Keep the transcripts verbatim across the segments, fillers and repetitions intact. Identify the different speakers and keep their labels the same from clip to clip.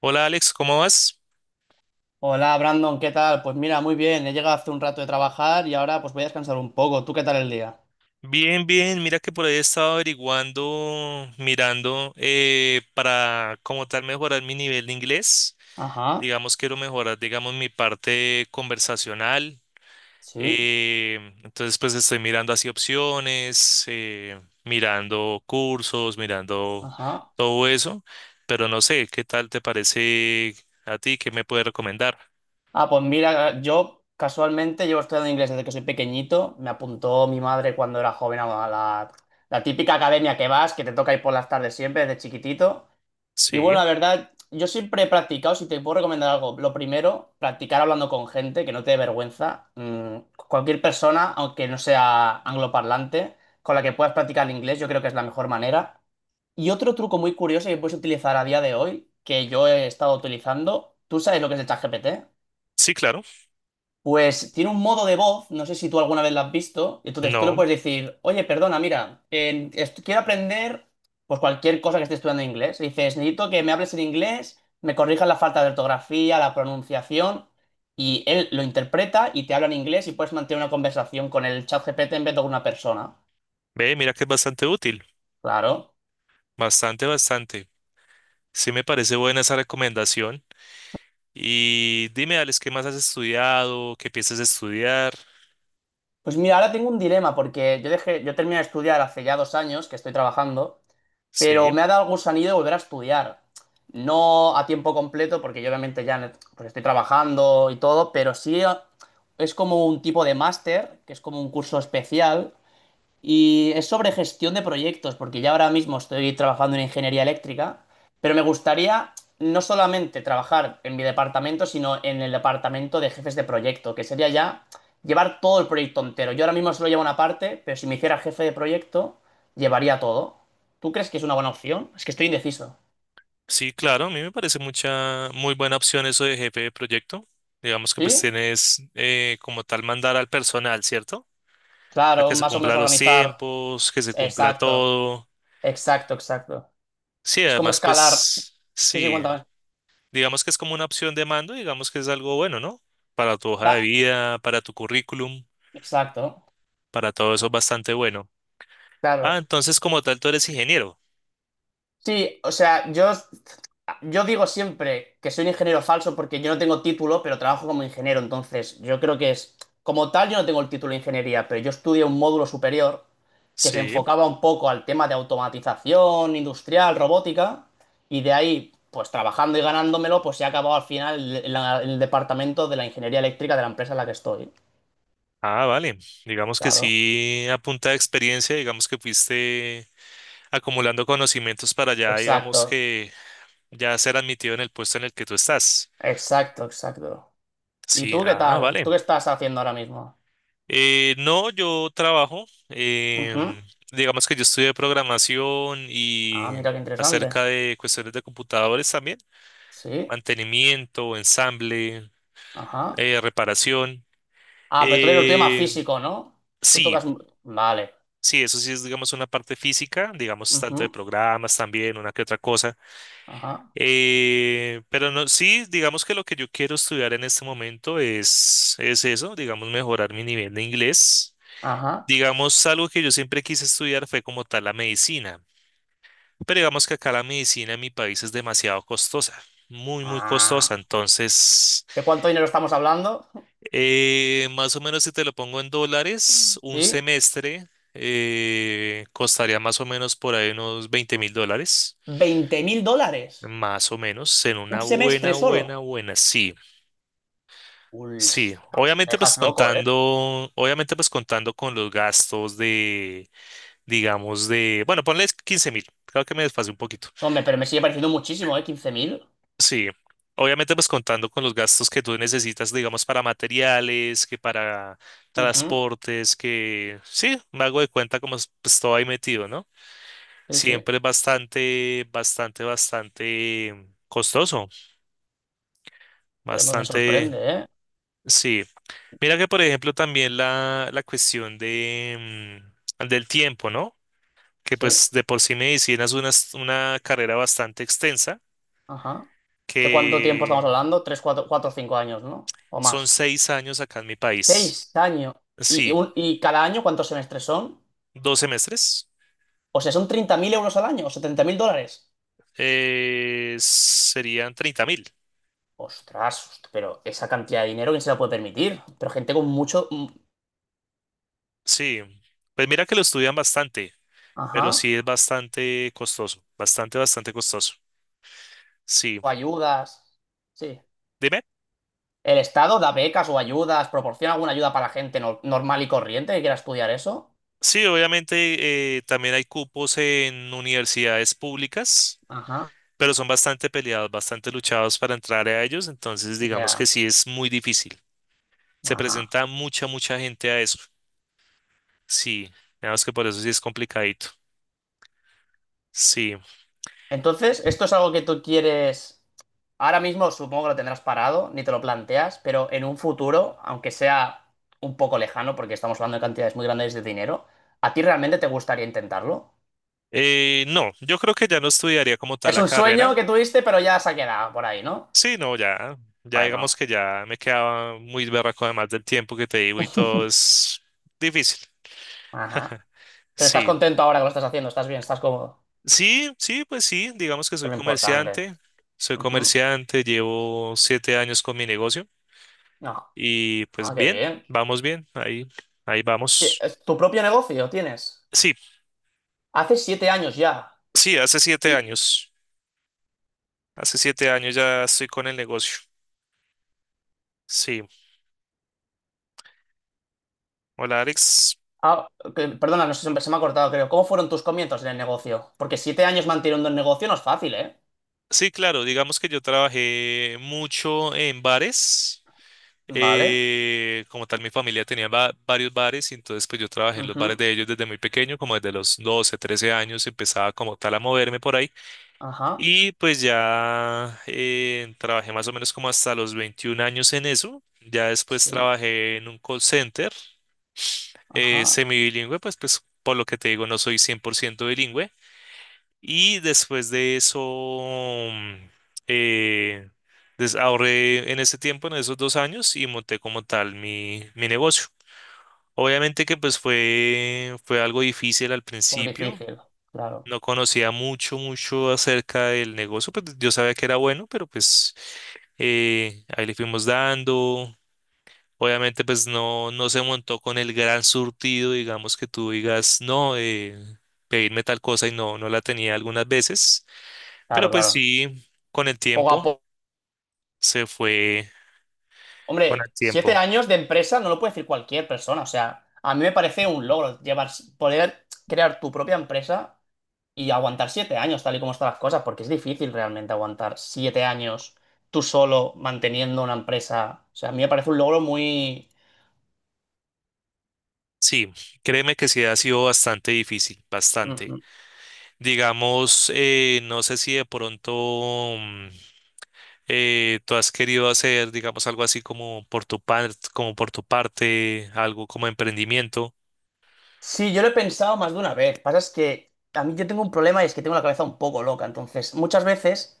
Speaker 1: Hola Alex, ¿cómo vas?
Speaker 2: Hola Brandon, ¿qué tal? Pues mira, muy bien, he llegado hace un rato de trabajar y ahora pues voy a descansar un poco. ¿Tú qué tal el día?
Speaker 1: Bien, bien, mira que por ahí he estado averiguando, mirando eh, para como tal mejorar mi nivel de inglés.
Speaker 2: Ajá,
Speaker 1: Digamos, quiero mejorar, digamos, mi parte conversacional.
Speaker 2: sí,
Speaker 1: eh, entonces, pues estoy mirando así opciones, eh, mirando cursos, mirando
Speaker 2: ajá.
Speaker 1: todo eso, pero no sé, ¿qué tal te parece a ti? ¿Qué me puedes recomendar?
Speaker 2: Ah, pues mira, yo casualmente llevo estudiando inglés desde que soy pequeñito. Me apuntó mi madre cuando era joven a la, la típica academia que vas, que te toca ir por las tardes siempre desde chiquitito. Y
Speaker 1: Sí,
Speaker 2: bueno, la verdad, yo siempre he practicado, si te puedo recomendar algo, lo primero, practicar hablando con gente, que no te dé vergüenza. Mm, cualquier persona, aunque no sea angloparlante, con la que puedas practicar el inglés, yo creo que es la mejor manera. Y otro truco muy curioso que puedes utilizar a día de hoy, que yo he estado utilizando, ¿tú sabes lo que es el ChatGPT?
Speaker 1: sí, claro.
Speaker 2: Pues tiene un modo de voz, no sé si tú alguna vez lo has visto, entonces tú le
Speaker 1: No,
Speaker 2: puedes decir, oye, perdona, mira, en- est- quiero aprender pues cualquier cosa que esté estudiando en inglés. Y dices, necesito que me hables en inglés, me corrijas la falta de ortografía, la pronunciación, y él lo interpreta y te habla en inglés y puedes mantener una conversación con el chat G P T en vez de con una persona.
Speaker 1: ve, mira que es bastante útil,
Speaker 2: Claro.
Speaker 1: bastante, bastante. Sí me parece buena esa recomendación. Y dime, Alex, ¿qué más has estudiado? ¿Qué piensas estudiar?
Speaker 2: Pues mira, ahora tengo un dilema porque yo dejé, yo terminé de estudiar hace ya dos años que estoy trabajando. Pero
Speaker 1: Sí,
Speaker 2: me ha dado el gusanillo de volver a estudiar. No a tiempo completo, porque yo obviamente ya en- el- pues estoy trabajando y todo, pero sí, eh, es como un tipo de máster, que es como un curso especial, y es sobre gestión de proyectos, porque ya ahora mismo estoy trabajando en ingeniería eléctrica, pero me gustaría no solamente trabajar en mi departamento, sino en el departamento de jefes de proyecto, que sería ya llevar todo el proyecto entero. Yo ahora mismo solo llevo una parte, pero si me hiciera jefe de proyecto, llevaría todo. ¿Tú crees que es una buena opción? Es que estoy indeciso.
Speaker 1: sí, claro, a mí me parece mucha, muy buena opción eso de jefe de proyecto. Digamos que pues
Speaker 2: ¿Sí?
Speaker 1: tienes eh, como tal mandar al personal, ¿cierto? A
Speaker 2: Claro,
Speaker 1: que se
Speaker 2: más o menos
Speaker 1: cumpla los
Speaker 2: organizar.
Speaker 1: tiempos, que se cumpla
Speaker 2: Exacto,
Speaker 1: todo.
Speaker 2: exacto, exacto.
Speaker 1: Sí,
Speaker 2: Es como
Speaker 1: además
Speaker 2: escalar.
Speaker 1: pues
Speaker 2: Sí, sí,
Speaker 1: sí,
Speaker 2: cuéntame.
Speaker 1: digamos que es como una opción de mando, digamos que es algo bueno, ¿no? Para tu hoja de
Speaker 2: Da-
Speaker 1: vida, para tu currículum,
Speaker 2: Exacto,
Speaker 1: para todo eso es bastante bueno. Ah,
Speaker 2: claro.
Speaker 1: entonces como tal tú eres ingeniero.
Speaker 2: Sí, o sea, yo, yo digo siempre que soy un ingeniero falso porque yo no tengo título, pero trabajo como ingeniero. Entonces, yo creo que es, como tal, yo no tengo el título de ingeniería, pero yo estudié un módulo superior que se
Speaker 1: Sí.
Speaker 2: enfocaba un poco al tema de automatización industrial, robótica, y de ahí, pues trabajando y ganándomelo, pues he acabado al final en la- en el departamento de la ingeniería eléctrica de la empresa en la que estoy.
Speaker 1: Ah, vale. Digamos que
Speaker 2: Claro.
Speaker 1: sí, a punta de experiencia, digamos que fuiste acumulando conocimientos para ya, digamos
Speaker 2: Exacto,
Speaker 1: que ya ser admitido en el puesto en el que tú estás.
Speaker 2: exacto, exacto. ¿Y
Speaker 1: Sí,
Speaker 2: tú qué
Speaker 1: ah,
Speaker 2: tal? ¿Tú
Speaker 1: vale.
Speaker 2: qué estás haciendo ahora mismo?
Speaker 1: Eh, no, yo trabajo,
Speaker 2: Ujú.
Speaker 1: em, digamos que yo estudié programación
Speaker 2: Ah,
Speaker 1: y
Speaker 2: mira qué interesante.
Speaker 1: acerca de cuestiones de computadores también,
Speaker 2: Sí,
Speaker 1: mantenimiento, ensamble,
Speaker 2: ajá.
Speaker 1: eh, reparación.
Speaker 2: Ah, pero tú eres el tuyo más
Speaker 1: Eh,
Speaker 2: físico, ¿no? Tú
Speaker 1: sí,
Speaker 2: tocas. Vale.
Speaker 1: sí, eso sí es, digamos, una parte física, digamos, tanto de
Speaker 2: Ujú,
Speaker 1: programas también, una que otra cosa.
Speaker 2: ajá,
Speaker 1: Eh, pero no, sí, digamos que lo que yo quiero estudiar en este momento es, es eso, digamos, mejorar mi nivel de inglés.
Speaker 2: ajá.
Speaker 1: Digamos, algo que yo siempre quise estudiar fue como tal la medicina. Pero digamos que acá la medicina en mi país es demasiado costosa, muy, muy costosa.
Speaker 2: Ah.
Speaker 1: Entonces...
Speaker 2: ¿De cuánto dinero estamos hablando?
Speaker 1: Eh, más o menos si te lo pongo en dólares, un
Speaker 2: Sí.
Speaker 1: semestre eh, costaría más o menos por ahí unos veinte mil dólares,
Speaker 2: Veinte mil dólares.
Speaker 1: más o menos, en
Speaker 2: Un
Speaker 1: una buena,
Speaker 2: semestre solo.
Speaker 1: buena, buena, sí,
Speaker 2: Uy,
Speaker 1: sí.
Speaker 2: ostras, me
Speaker 1: Obviamente pues
Speaker 2: dejas loco, ¿eh?
Speaker 1: contando, obviamente pues contando con los gastos de, digamos, de, bueno, ponle quince mil, creo que me desfasé un poquito.
Speaker 2: No, hombre, pero me sigue pareciendo muchísimo, ¿eh? Quince mil.
Speaker 1: Sí, obviamente pues contando con los gastos que tú necesitas, digamos, para materiales, que para
Speaker 2: Ujú,
Speaker 1: transportes, que sí, me hago de cuenta como es, pues todo ahí metido, ¿no?
Speaker 2: sí, sí.
Speaker 1: Siempre es bastante, bastante, bastante costoso,
Speaker 2: Pero me
Speaker 1: bastante,
Speaker 2: sorprende, ¿eh?
Speaker 1: sí. Mira que por ejemplo también la, la cuestión de, mm, del tiempo, ¿no? Que
Speaker 2: Sí,
Speaker 1: pues de por sí medicina es una, es una carrera bastante extensa,
Speaker 2: ajá. ¿De cuánto tiempo estamos
Speaker 1: que
Speaker 2: hablando? Tres, cuatro, cuatro, cinco años, ¿no? O
Speaker 1: son
Speaker 2: más.
Speaker 1: seis años acá en mi país.
Speaker 2: Seis años. ¿Y, y
Speaker 1: Sí,
Speaker 2: un- y cada año cuántos semestres son?
Speaker 1: Dos semestres
Speaker 2: O sea, ¿son treinta mil euros al año o setenta mil dólares?
Speaker 1: eh, serían treinta mil.
Speaker 2: Ostras, host- pero esa cantidad de dinero, ¿quién se la puede permitir? Pero gente con mucho... mm,
Speaker 1: Sí, pues mira que lo estudian bastante,
Speaker 2: Ajá.
Speaker 1: pero sí es bastante costoso, bastante, bastante costoso. Sí,
Speaker 2: O ayudas. Sí.
Speaker 1: dime.
Speaker 2: ¿El Estado da becas o ayudas? ¿Proporciona alguna ayuda para la gente no- normal y corriente que quiera estudiar eso?
Speaker 1: Sí, obviamente eh, también hay cupos en universidades públicas,
Speaker 2: Ajá.
Speaker 1: pero son bastante peleados, bastante luchados para entrar a ellos, entonces digamos
Speaker 2: Ya.
Speaker 1: que sí es muy difícil. Se
Speaker 2: Ajá.
Speaker 1: presenta mucha, mucha gente a eso. Sí, digamos que por eso sí es complicadito. Sí.
Speaker 2: Entonces, esto es algo que tú quieres, ahora mismo supongo que lo tendrás parado, ni te lo planteas, pero en un futuro, aunque sea un poco lejano, porque estamos hablando de cantidades muy grandes de dinero, ¿a ti realmente te gustaría intentarlo?
Speaker 1: Eh, no, yo creo que ya no estudiaría como tal
Speaker 2: Es
Speaker 1: la
Speaker 2: un
Speaker 1: carrera.
Speaker 2: sueño que tuviste, pero ya se ha quedado por ahí, ¿no?
Speaker 1: Sí, no, ya, ya digamos
Speaker 2: Bueno,
Speaker 1: que ya me quedaba muy berraco además del tiempo que te digo y todo es difícil.
Speaker 2: ajá. Pero estás
Speaker 1: Sí,
Speaker 2: contento ahora que lo estás haciendo, estás bien, estás cómodo.
Speaker 1: sí, sí, pues sí, digamos que soy
Speaker 2: Es lo importante.
Speaker 1: comerciante, soy
Speaker 2: Ujú.
Speaker 1: comerciante, llevo siete años con mi negocio
Speaker 2: No,
Speaker 1: y
Speaker 2: ah,
Speaker 1: pues
Speaker 2: qué
Speaker 1: bien,
Speaker 2: bien.
Speaker 1: vamos bien, ahí, ahí
Speaker 2: Sí,
Speaker 1: vamos.
Speaker 2: es tu propio negocio tienes.
Speaker 1: Sí,
Speaker 2: Hace siete años ya.
Speaker 1: sí, hace siete años, hace siete años ya estoy con el negocio. Sí, hola Alex.
Speaker 2: Ah, que- perdona, no sé, se me se me ha cortado, creo. ¿Cómo fueron tus comienzos en el negocio? Porque siete años manteniendo el negocio no es fácil, ¿eh?
Speaker 1: Sí, claro, digamos que yo trabajé mucho en bares.
Speaker 2: Vale.
Speaker 1: Eh, como tal, mi familia tenía va- varios bares y entonces pues yo trabajé en los bares
Speaker 2: Ujú.
Speaker 1: de ellos desde muy pequeño, como desde los doce trece años empezaba como tal a moverme por ahí
Speaker 2: Ajá.
Speaker 1: y pues ya eh, trabajé más o menos como hasta los veintiún años en eso. Ya después
Speaker 2: Sí.
Speaker 1: trabajé en un call center eh,
Speaker 2: Ajá.
Speaker 1: semibilingüe, pues pues por lo que te digo no soy cien por ciento bilingüe. Y después de eso, mm, eh, des- ahorré en ese tiempo, en esos dos años, y monté como tal mi, mi negocio. Obviamente que pues fue, fue algo difícil al
Speaker 2: Pues
Speaker 1: principio.
Speaker 2: difícil. Claro.
Speaker 1: No conocía mucho, mucho acerca del negocio, pues yo sabía que era bueno, pero pues eh, ahí le fuimos dando. Obviamente pues no, no se montó con el gran surtido, digamos que tú digas, no, eh, pedirme tal cosa y no, no la tenía algunas veces.
Speaker 2: Claro,
Speaker 1: Pero pues
Speaker 2: claro.
Speaker 1: sí, con el
Speaker 2: Poco a
Speaker 1: tiempo,
Speaker 2: poco.
Speaker 1: se fue con el
Speaker 2: Hombre, siete
Speaker 1: tiempo.
Speaker 2: años de empresa no lo puede decir cualquier persona. O sea, a mí me parece un logro llevar, poder crear tu propia empresa y aguantar siete años, tal y como están las cosas, porque es difícil realmente aguantar siete años tú solo manteniendo una empresa. O sea, a mí me parece un logro muy...
Speaker 1: Sí, créeme que sí ha sido bastante difícil, bastante. Digamos, eh, no sé si de pronto mm, eh, tú has querido hacer, digamos, algo así como por tu parte, como por tu parte, algo como emprendimiento.
Speaker 2: Sí, yo lo he pensado más de una vez. Pasa es que a mí yo tengo un problema y es que tengo la cabeza un poco loca. Entonces, muchas veces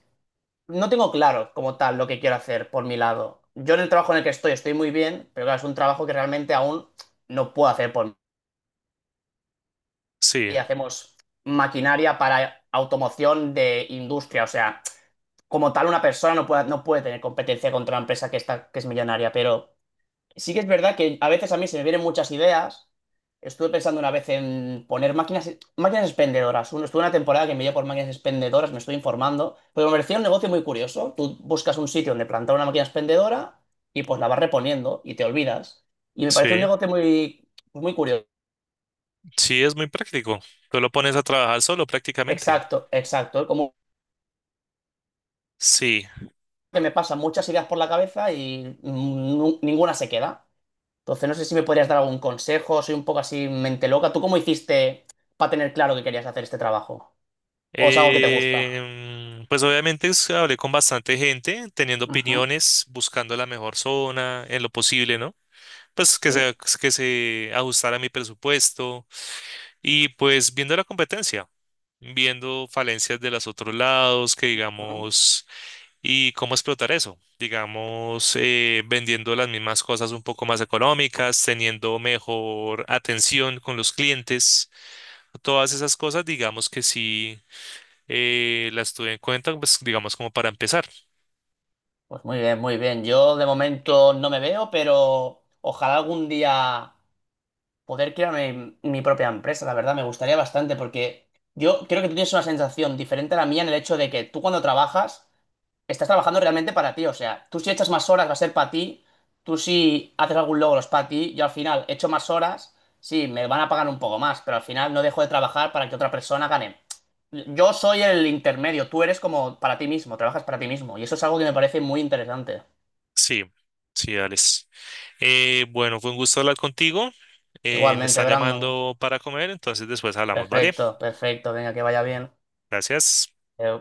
Speaker 2: no tengo claro como tal lo que quiero hacer por mi lado. Yo en el trabajo en el que estoy estoy muy bien, pero claro, es un trabajo que realmente aún no puedo hacer por mí.
Speaker 1: Sí,
Speaker 2: Y hacemos maquinaria para automoción de industria. O sea, como tal una persona no puede, no puede tener competencia contra una empresa que está, que es millonaria, pero... Sí que es verdad que a veces a mí se me vienen muchas ideas. Estuve pensando una vez en poner máquinas, máquinas expendedoras. Uno, estuve una temporada que me dio por máquinas expendedoras, me estoy informando. Pero me parecía un negocio muy curioso. Tú buscas un sitio donde plantar una máquina expendedora y pues la vas reponiendo y te olvidas. Y me parece un
Speaker 1: sí,
Speaker 2: negocio muy, pues, muy curioso.
Speaker 1: sí, es muy práctico. Tú lo pones a trabajar solo prácticamente.
Speaker 2: Exacto, exacto. Como
Speaker 1: Sí.
Speaker 2: que me pasan muchas ideas por la cabeza y mm, nu- ninguna se queda. Entonces, no sé si me podrías dar algún consejo, soy un poco así mente loca. ¿Tú cómo hiciste para tener claro que querías hacer este trabajo? ¿O es algo que te gusta?
Speaker 1: Eh, pues obviamente es- hablé con bastante gente, teniendo
Speaker 2: Ujú,
Speaker 1: opiniones, buscando la mejor zona en lo posible, ¿no? Pues que se,
Speaker 2: sí.
Speaker 1: que se ajustara a mi presupuesto y pues viendo la competencia, viendo falencias de los otros lados, que
Speaker 2: Ujú.
Speaker 1: digamos, y cómo explotar eso, digamos, eh, vendiendo las mismas cosas un poco más económicas, teniendo mejor atención con los clientes, todas esas cosas, digamos que sí eh, las tuve en cuenta, pues digamos como para empezar.
Speaker 2: Pues muy bien, muy bien. Yo de momento no me veo, pero ojalá algún día poder crear mi, mi propia empresa, la verdad, me gustaría bastante porque yo creo que tú tienes una sensación diferente a la mía en el hecho de que tú cuando trabajas estás trabajando realmente para ti. O sea, tú si echas más horas va a ser para ti. Tú si haces algún logro es para ti. Yo al final echo más horas, sí, me van a pagar un poco más, pero al final no dejo de trabajar para que otra persona gane. Yo soy el intermedio, tú eres como para ti mismo, trabajas para ti mismo. Y eso es algo que me parece muy interesante.
Speaker 1: Sí, sí, dale. bueno, fue un gusto hablar contigo. Eh, me
Speaker 2: Igualmente,
Speaker 1: están
Speaker 2: Brandon.
Speaker 1: llamando para comer, entonces después hablamos, ¿vale?
Speaker 2: Perfecto, perfecto, venga, que vaya bien.
Speaker 1: Gracias.
Speaker 2: Eh,